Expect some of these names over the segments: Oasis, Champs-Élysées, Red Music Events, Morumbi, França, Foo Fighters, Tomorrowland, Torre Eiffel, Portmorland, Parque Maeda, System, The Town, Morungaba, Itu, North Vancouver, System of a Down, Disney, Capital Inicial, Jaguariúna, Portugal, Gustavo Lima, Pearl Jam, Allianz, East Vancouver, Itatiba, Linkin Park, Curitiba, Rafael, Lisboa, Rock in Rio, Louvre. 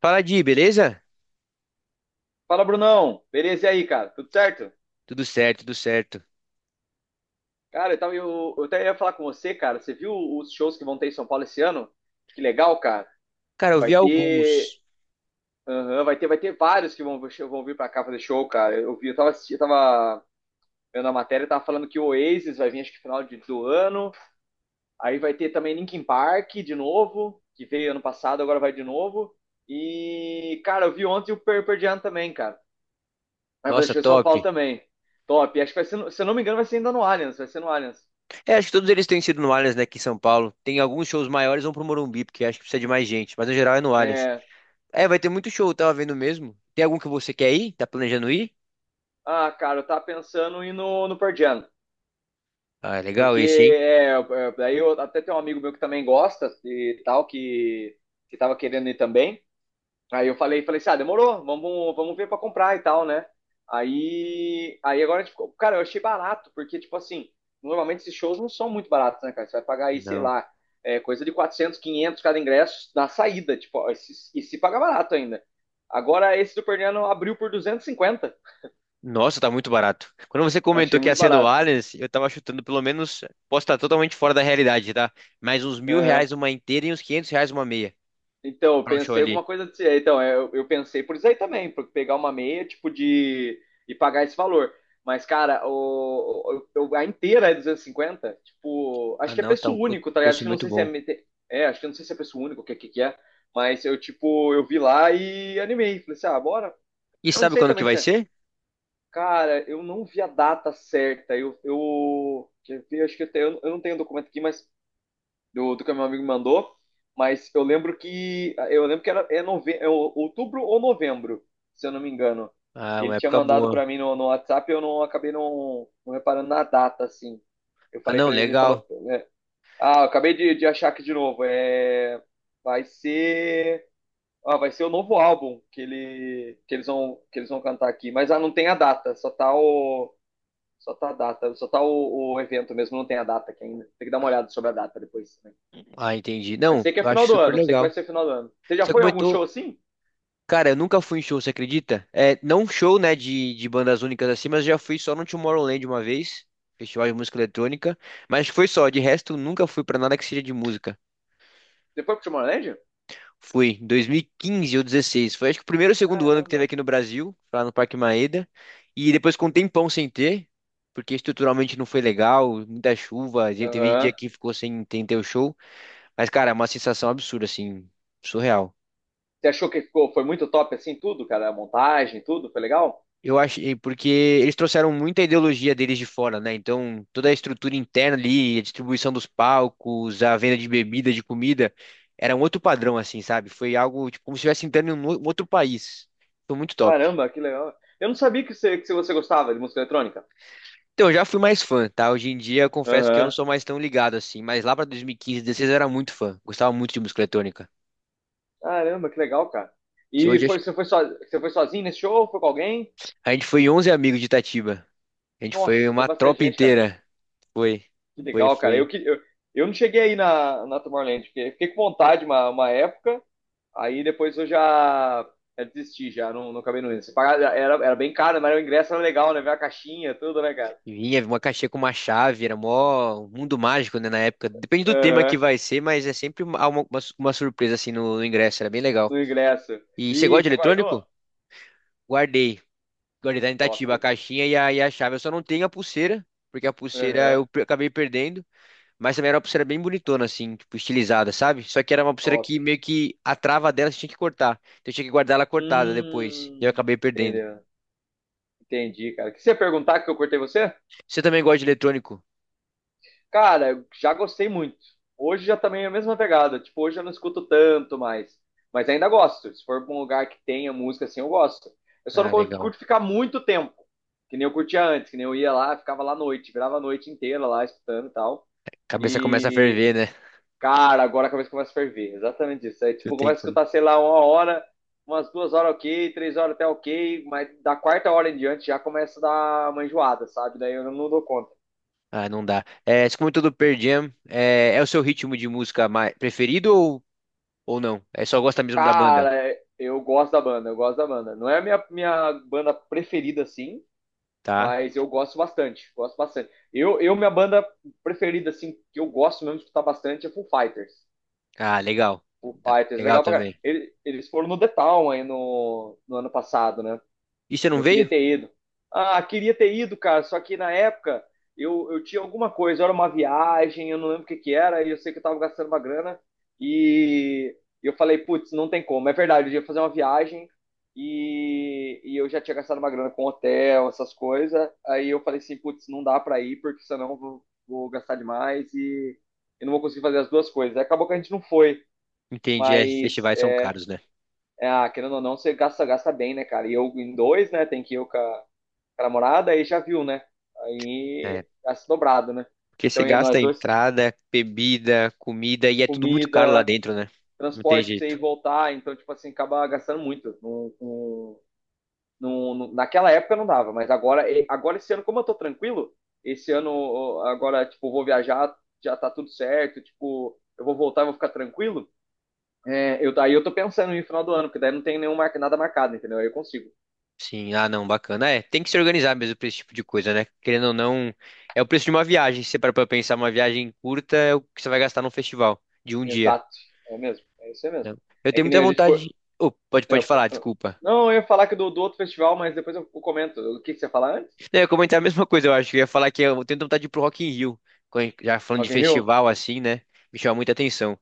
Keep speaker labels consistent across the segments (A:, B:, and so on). A: Fala, Di, beleza?
B: Fala, Brunão. Beleza e aí, cara? Tudo certo?
A: Tudo certo, tudo certo.
B: Cara, eu até ia falar com você, cara. Você viu os shows que vão ter em São Paulo esse ano? Que legal, cara.
A: Cara, eu
B: Vai
A: vi
B: ter.
A: alguns.
B: Aham, vai ter vários que vão vir pra cá fazer show, cara. Eu vi, eu tava, assisti- eu tava vendo a matéria, tava falando que o Oasis vai vir acho que do ano. Aí vai ter também Linkin Park de novo, que veio ano passado, agora vai de novo. E, cara, eu vi ontem o Pearl Jam também, cara. Vai fazer
A: Nossa,
B: show em São
A: top.
B: Paulo também. Top. Acho que vai ser, se eu não me engano, vai ser ainda no Allianz. Vai ser no Allianz.
A: É, acho que todos eles têm sido no Allianz, né, aqui em São Paulo. Tem alguns shows maiores, vão pro Morumbi, porque acho que precisa de mais gente, mas no geral é no Allianz.
B: É,
A: É, vai ter muito show, eu tava vendo mesmo. Tem algum que você quer ir? Tá planejando ir?
B: ah, cara, eu tava pensando em ir no Pearl Jam,
A: Ah, é legal
B: porque
A: esse, hein?
B: daí eu até tem um amigo meu que também gosta e tal, que tava querendo ir também. Aí eu falei, falei assim, ah, demorou, vamos ver pra comprar e tal, né? Aí agora a gente ficou, cara, eu achei barato, porque, tipo assim, normalmente esses shows não são muito baratos, né, cara? Você vai pagar aí, sei
A: Não.
B: lá, é, coisa de 400, 500 cada ingresso na saída, tipo, ó, e se paga barato ainda. Agora esse do Perniano abriu por 250,
A: Nossa, tá muito barato. Quando você
B: eu achei
A: comentou que ia
B: muito
A: ser no
B: barato.
A: Allianz, eu tava chutando pelo menos, posso estar totalmente fora da realidade, tá? Mais uns R$ 1.000 uma inteira e uns R$ 500 uma meia
B: Então, eu
A: pra um show
B: pensei
A: ali.
B: alguma coisa assim. Então, eu pensei por isso aí também, por pegar uma meia, tipo, de. E pagar esse valor. Mas, cara, a inteira é 250. Tipo,
A: Ah,
B: acho que é
A: não, tá
B: preço
A: um
B: único, tá ligado? Acho
A: preço
B: que não
A: muito
B: sei se é.
A: bom.
B: É, acho que não sei se é preço único, o que, que é. Mas eu, tipo, eu vi lá e animei. Falei assim, ah, bora.
A: E
B: Eu não
A: sabe
B: sei
A: quando que
B: também
A: vai
B: se é.
A: ser?
B: Cara, eu não vi a data certa. Eu. Eu quer ver? Acho que eu não tenho documento aqui, mas do, do que meu amigo mandou, mas eu lembro que era é nove, outubro ou novembro, se eu não me engano.
A: Ah,
B: Ele
A: uma
B: tinha
A: época
B: mandado
A: boa.
B: para mim no WhatsApp, eu não acabei não reparando na data assim. Eu
A: Ah,
B: falei
A: não,
B: para ele, ele
A: legal.
B: falou, é, ah, eu acabei de achar aqui de novo, é, vai ser, ah, vai ser o novo álbum que eles vão cantar aqui, mas ah, não tem a data, só tá a data, só tá o evento mesmo, não tem a data aqui ainda. Tem que dar uma olhada sobre a data depois. Né?
A: Ah, entendi.
B: Mas
A: Não,
B: sei que é
A: eu
B: final
A: acho
B: do
A: super
B: ano, sei que vai
A: legal.
B: ser final do ano. Você já
A: Você
B: foi a algum
A: comentou,
B: show assim?
A: cara, eu nunca fui em show, você acredita? É, não show, né, de bandas únicas assim, mas já fui só no Tomorrowland uma vez, festival de música eletrônica, mas foi só, de resto nunca fui pra nada que seja de música.
B: Você foi pro Tomorrowland?
A: Fui em 2015 ou 16, foi acho que o primeiro ou segundo ano que teve
B: Caramba.
A: aqui no Brasil, lá no Parque Maeda, e depois com um tempão sem ter, porque estruturalmente não foi legal, muita chuva, teve dia
B: Aham.
A: que ficou sem ter o show. Mas, cara, é uma sensação absurda, assim, surreal.
B: Você achou que foi muito top assim, tudo, cara? A montagem, tudo? Foi legal?
A: Eu achei, porque eles trouxeram muita ideologia deles de fora, né? Então, toda a estrutura interna ali, a distribuição dos palcos, a venda de bebida, de comida, era um outro padrão, assim, sabe? Foi algo, tipo, como se estivesse entrando em um um outro país. Foi muito top.
B: Caramba, que legal. Eu não sabia que você gostava de música eletrônica.
A: Então, eu já fui mais fã, tá? Hoje em dia, eu confesso que eu não
B: Aham.
A: sou mais tão ligado, assim, mas lá pra 2015, 16 eu era muito fã. Gostava muito de música eletrônica.
B: Caramba, que legal, cara.
A: Se
B: E
A: Hoje, acho
B: foi,
A: que-
B: você, foi so, você foi sozinho nesse show? Foi com alguém?
A: A gente foi 11 amigos de Itatiba. A gente foi
B: Nossa, foi
A: uma
B: bastante
A: tropa
B: gente, cara.
A: inteira. Foi,
B: Que
A: foi,
B: legal, cara.
A: foi.
B: Eu não cheguei aí na Tomorrowland, porque fiquei com vontade uma época. Aí depois eu já, já desisti, já não, não acabei não indo. Você pagava, era bem caro, mas o ingresso era legal, né? Ver a caixinha, tudo, né, cara?
A: Vinha uma caixinha com uma chave, era mó mundo mágico, né, na época. Depende do tema que
B: Aham,
A: vai ser, mas é sempre uma surpresa, assim, no ingresso, era bem legal.
B: no ingresso.
A: E você gosta
B: E
A: de
B: você guardou?
A: eletrônico? Guardei. Guardei lá em
B: Top.
A: Itatiba a caixinha e a chave. Eu só não tenho a pulseira, porque a pulseira
B: Aham,
A: eu acabei perdendo, mas também era uma pulseira bem bonitona, assim, tipo, estilizada, sabe? Só que era uma pulseira
B: top.
A: que meio que a trava dela você tinha que cortar. Então eu tinha que guardar ela cortada depois, e eu
B: Hum,
A: acabei perdendo.
B: entendeu? Entendi, cara. O que você ia perguntar que eu cortei você?
A: Você também gosta de eletrônico?
B: Cara, eu já gostei muito. Hoje já também é a mesma pegada. Tipo, hoje eu não escuto tanto mais. Mas ainda gosto. Se for pra um lugar que tenha música assim, eu gosto. Eu só não
A: Ah,
B: cur-
A: legal.
B: curto ficar muito tempo. Que nem eu curtia antes, que nem eu ia lá, ficava lá à noite, virava a noite inteira lá escutando e tal.
A: Cabeça começa a
B: E,
A: ferver, né?
B: cara, agora a cabeça começa a ferver. Exatamente isso. Aí,
A: Não
B: tipo,
A: tem
B: começa a
A: como.
B: escutar, sei lá, uma hora, umas duas horas ok, três horas até ok, mas da quarta hora em diante já começa a dar uma enjoada, sabe? Daí eu não dou conta.
A: Ah, não dá. É, você comentou do Pearl Jam. É o seu ritmo de música mais preferido ou não? É só gosta mesmo da banda,
B: Cara, eu gosto da banda. Não é a minha banda preferida, assim,
A: tá?
B: mas eu gosto bastante, gosto bastante. Minha banda preferida, assim, que eu gosto mesmo de escutar bastante é Foo Fighters.
A: Ah, legal.
B: Foo
A: Tá,
B: Fighters,
A: legal
B: legal pra caralho.
A: também.
B: Eles foram no The Town aí no ano passado, né?
A: E você não
B: Eu queria
A: veio?
B: ter ido. Ah, queria ter ido, cara, só que na época eu tinha alguma coisa, era uma viagem, eu não lembro o que que era, e eu sei que eu tava gastando uma grana, e eu falei, putz, não tem como. É verdade, eu ia fazer uma viagem, e eu já tinha gastado uma grana com hotel, essas coisas, aí eu falei assim, putz, não dá pra ir, porque senão eu vou gastar demais e eu não vou conseguir fazer as duas coisas. Aí acabou que a gente não foi,
A: Entendi, é,
B: mas,
A: festivais são caros, né?
B: é, ah, querendo ou não, você gasta, gasta bem, né, cara? E eu em dois, né, tem que eu com a namorada, aí já viu, né?
A: É,
B: Aí já se dobrado, né?
A: porque você
B: Então, e
A: gasta
B: nós dois,
A: entrada, bebida, comida e é tudo muito caro lá
B: comida,
A: dentro, né? Não tem
B: transporte pra você ir
A: jeito.
B: e voltar, então, tipo assim, acaba gastando muito. Naquela época não dava, mas agora, agora esse ano, como eu tô tranquilo, esse ano, ó, agora, tipo, vou viajar, já tá tudo certo, tipo, eu vou voltar, vou ficar tranquilo. É, eu, daí eu tô pensando no final do ano, porque daí não tem nada marcado, entendeu? Aí eu consigo.
A: Sim, ah, não, bacana. É, tem que se organizar mesmo pra esse tipo de coisa, né? Querendo ou não, é o preço de uma viagem. Se você parar pra pensar, uma viagem curta é o que você vai gastar num festival de um dia.
B: Exato. É mesmo. É isso aí mesmo.
A: Não. Eu
B: É
A: tenho
B: que
A: muita
B: nem a gente
A: vontade.
B: foi.
A: Oh, pode,
B: É,
A: pode falar,
B: eu-
A: desculpa.
B: não, eu ia falar que do outro festival, mas depois eu comento. O que, que você ia falar antes?
A: Não, eu ia comentar a mesma coisa, eu acho. Eu ia falar que eu tenho vontade de ir pro Rock in Rio. Já falando de
B: Rock in Rio?
A: festival assim, né? Me chama muita atenção.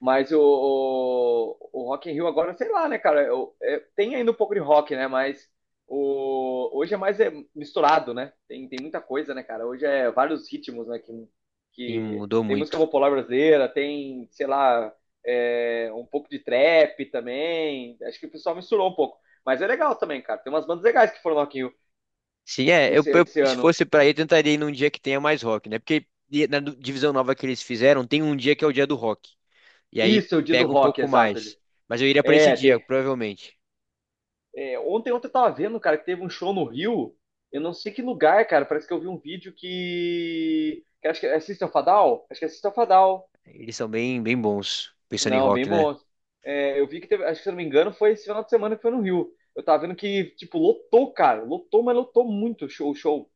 B: Mas o Rock in Rio agora, sei lá, né, cara? É, tem ainda um pouco de rock, né? Mas hoje é mais é, misturado, né? Tem muita coisa, né, cara? Hoje é vários ritmos, né?
A: E
B: Que
A: mudou
B: tem música
A: muito.
B: popular brasileira, tem, sei lá, é, um pouco de trap também. Acho que o pessoal misturou um pouco. Mas é legal também, cara. Tem umas bandas legais que foram no Rock in Rio
A: Sim, é. Eu, eu-
B: esse
A: se
B: ano.
A: fosse pra ir, eu tentaria ir num dia que tenha mais rock, né? Porque na divisão nova que eles fizeram, tem um dia que é o dia do rock. E aí
B: Isso, é o dia do
A: pega um
B: rock,
A: pouco
B: exato.
A: mais. Mas eu iria pra esse
B: É,
A: dia,
B: tem-
A: provavelmente.
B: é, ontem eu tava vendo, cara, que teve um show no Rio. Eu não sei que lugar, cara. Parece que eu vi um vídeo que acho que é System of a Down? Acho que é System of a Down.
A: Eles são bem, bem bons, pensando em
B: Não, bem
A: rock, né?
B: bom. É, eu vi que teve. Acho que se eu não me engano, foi esse final de semana que foi no Rio. Eu tava vendo que, tipo, lotou, cara. Lotou, mas lotou muito o show, o show.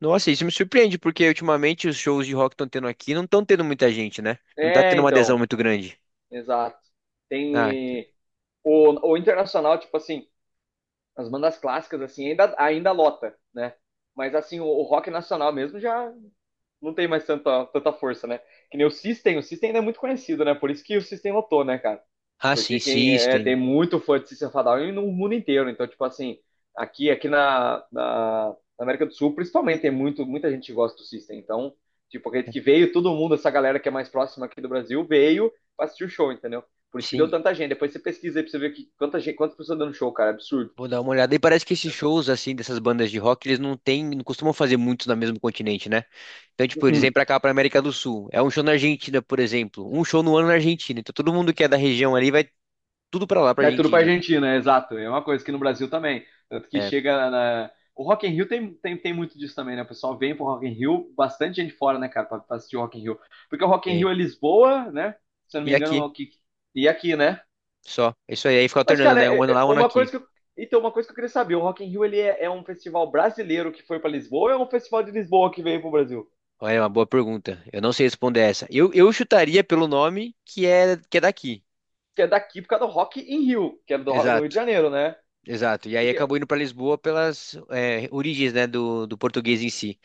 A: Nossa, isso me surpreende, porque ultimamente os shows de rock estão tendo aqui não estão tendo muita gente, né? Não tá
B: É,
A: tendo uma adesão
B: então.
A: muito grande.
B: Exato.
A: Ah, que-
B: Tem. O internacional, tipo assim. As bandas clássicas, assim, ainda, ainda lota, né? Mas, assim, o rock nacional mesmo já não tem mais tanta, tanta força, né? Que nem o System ainda é muito conhecido, né? Por isso que o System lotou, né, cara?
A: ah,
B: Porque
A: sim,
B: quem é,
A: System.
B: tem muito fã de System Fadal no mundo inteiro. Então, tipo assim, aqui, aqui na, na, na América do Sul, principalmente, muita gente que gosta do System. Então, tipo, acredito que veio todo mundo, essa galera que é mais próxima aqui do Brasil, veio pra assistir o show, entendeu? Por isso que deu
A: Sim,
B: tanta gente. Depois você pesquisa aí pra você ver quanta gente, quantas pessoas dando show, cara. Absurdo.
A: vou dar uma olhada. E parece que esses shows, assim, dessas bandas de rock, eles não têm, não costumam fazer muitos no mesmo continente, né? Então, tipo, eles vêm
B: Uhum.
A: pra cá, pra América do Sul. É um show na Argentina, por exemplo. Um show no ano na Argentina. Então, todo mundo que é da região ali vai tudo pra lá, pra
B: É tudo pra
A: Argentina.
B: Argentina, é exato. É uma coisa que no Brasil também. Tanto que
A: É,
B: chega na. O Rock in Rio tem muito disso também, né? O pessoal vem pro Rock in Rio, bastante gente fora, né, cara, pra assistir o Rock in Rio. Porque o Rock in
A: bem.
B: Rio é Lisboa, né? Se eu não
A: E
B: me engano, é
A: aqui,
B: o que... e aqui, né?
A: só. É isso aí, aí fica
B: Mas,
A: alternando,
B: cara,
A: né? Um ano
B: é
A: lá, um ano
B: uma
A: aqui.
B: coisa que eu... Então, uma coisa que eu queria saber, o Rock in Rio, é um festival brasileiro que foi pra Lisboa ou é um festival de Lisboa que veio pro Brasil?
A: Olha, é uma boa pergunta. Eu não sei responder essa. Eu chutaria pelo nome que é daqui.
B: Que é daqui por causa do Rock in Rio, que é do, do Rio de
A: Exato,
B: Janeiro, né?
A: exato. E aí
B: Porque
A: acabou indo para Lisboa pelas origens, né, do português em si.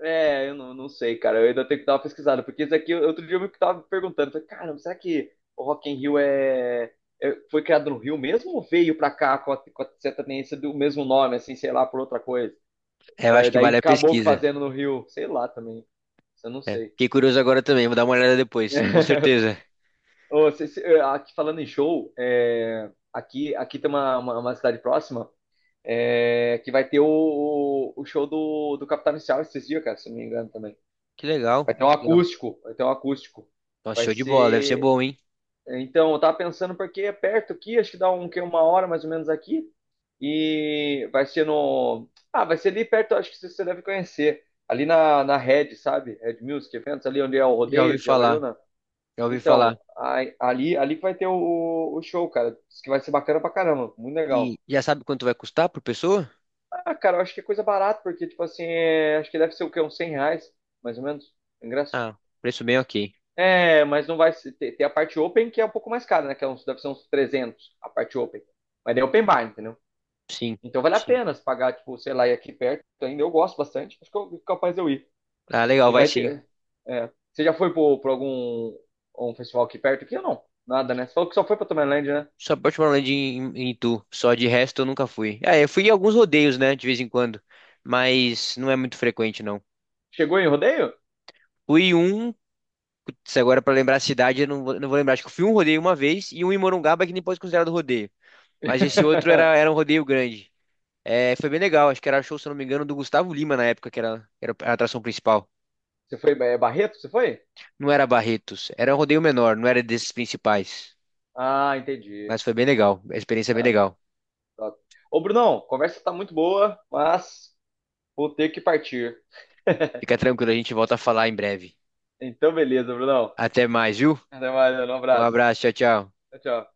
B: é, eu não sei, cara. Eu ainda tenho que dar uma pesquisada, porque isso aqui, outro dia eu me tava perguntando, falei, caramba, será que o Rock in Rio é, foi criado no Rio mesmo ou veio pra cá com a sertaneja do mesmo nome, assim, sei lá, por outra coisa?
A: É, eu acho que
B: Daí
A: vale a
B: acabou que
A: pesquisa,
B: fazendo no Rio, sei lá também. Isso eu não
A: né?
B: sei.
A: Fiquei curioso agora também, vou dar uma olhada depois, com certeza.
B: Ô, cê- cê- eh, aqui falando em show, é, aqui tem uma cidade próxima é, que vai ter o show do Capital Inicial esses dias, cara, se não me engano também.
A: Que legal, que legal.
B: Vai ter um acústico.
A: Nossa,
B: Vai
A: show de bola, deve ser
B: ser.
A: bom, hein?
B: Então, eu tava pensando porque é perto aqui, acho que dá um, que uma hora mais ou menos aqui. E vai ser no. Ah, vai ser ali perto, acho que você deve conhecer. Ali na Red, sabe? Red Music Events, ali onde é o
A: Já ouvi
B: rodeio de
A: falar,
B: Jaguariúna.
A: já ouvi falar.
B: Então, ali que vai ter o show, cara. Diz que vai ser bacana pra caramba, muito legal.
A: E já sabe quanto vai custar por pessoa?
B: Ah, cara, eu acho que é coisa barata, porque, tipo assim, acho que deve ser o quê? Uns 100 reais, mais ou menos, o ingresso.
A: Ah, preço bem ok.
B: É, mas não vai se- ter, ter a parte open que é um pouco mais cara, né? Que é uns, deve ser uns 300 a parte open. Mas daí é open bar, entendeu?
A: Sim,
B: Então vale a
A: sim.
B: pena se pagar, tipo, sei lá, e aqui perto Então, ainda. Eu gosto bastante. Acho que eu capaz de eu ir.
A: Ah, legal,
B: E
A: vai
B: vai
A: sim.
B: ter. É, você já foi por algum um festival aqui perto aqui ou não? Nada, né? Você falou que só foi pra Tomorrowland, né?
A: Só Portmorland em Itu. Só de resto eu nunca fui. Ah, eu fui em alguns rodeios, né? De vez em quando. Mas não é muito frequente, não.
B: Chegou em rodeio?
A: Fui um. Putz, agora pra lembrar a cidade, eu não vou lembrar. Acho que eu fui um rodeio uma vez e um em Morungaba que nem pode ser considerado rodeio. Mas esse outro era um rodeio grande. É, foi bem legal. Acho que era show, se eu não me engano, do Gustavo Lima na época, que era a atração principal.
B: Você foi é Barreto? Você foi?
A: Não era Barretos. Era um rodeio menor, não era desses principais.
B: Ah, entendi.
A: Mas foi bem legal. A experiência é bem
B: Tá,
A: legal.
B: tá. Ô, Brunão, a conversa tá muito boa, mas vou ter que partir.
A: Fica tranquilo, a gente volta a falar em breve.
B: Então, beleza, Brunão.
A: Até mais, viu?
B: Até mais, mano. Um
A: Um
B: abraço.
A: abraço, tchau, tchau.
B: Tchau, tchau.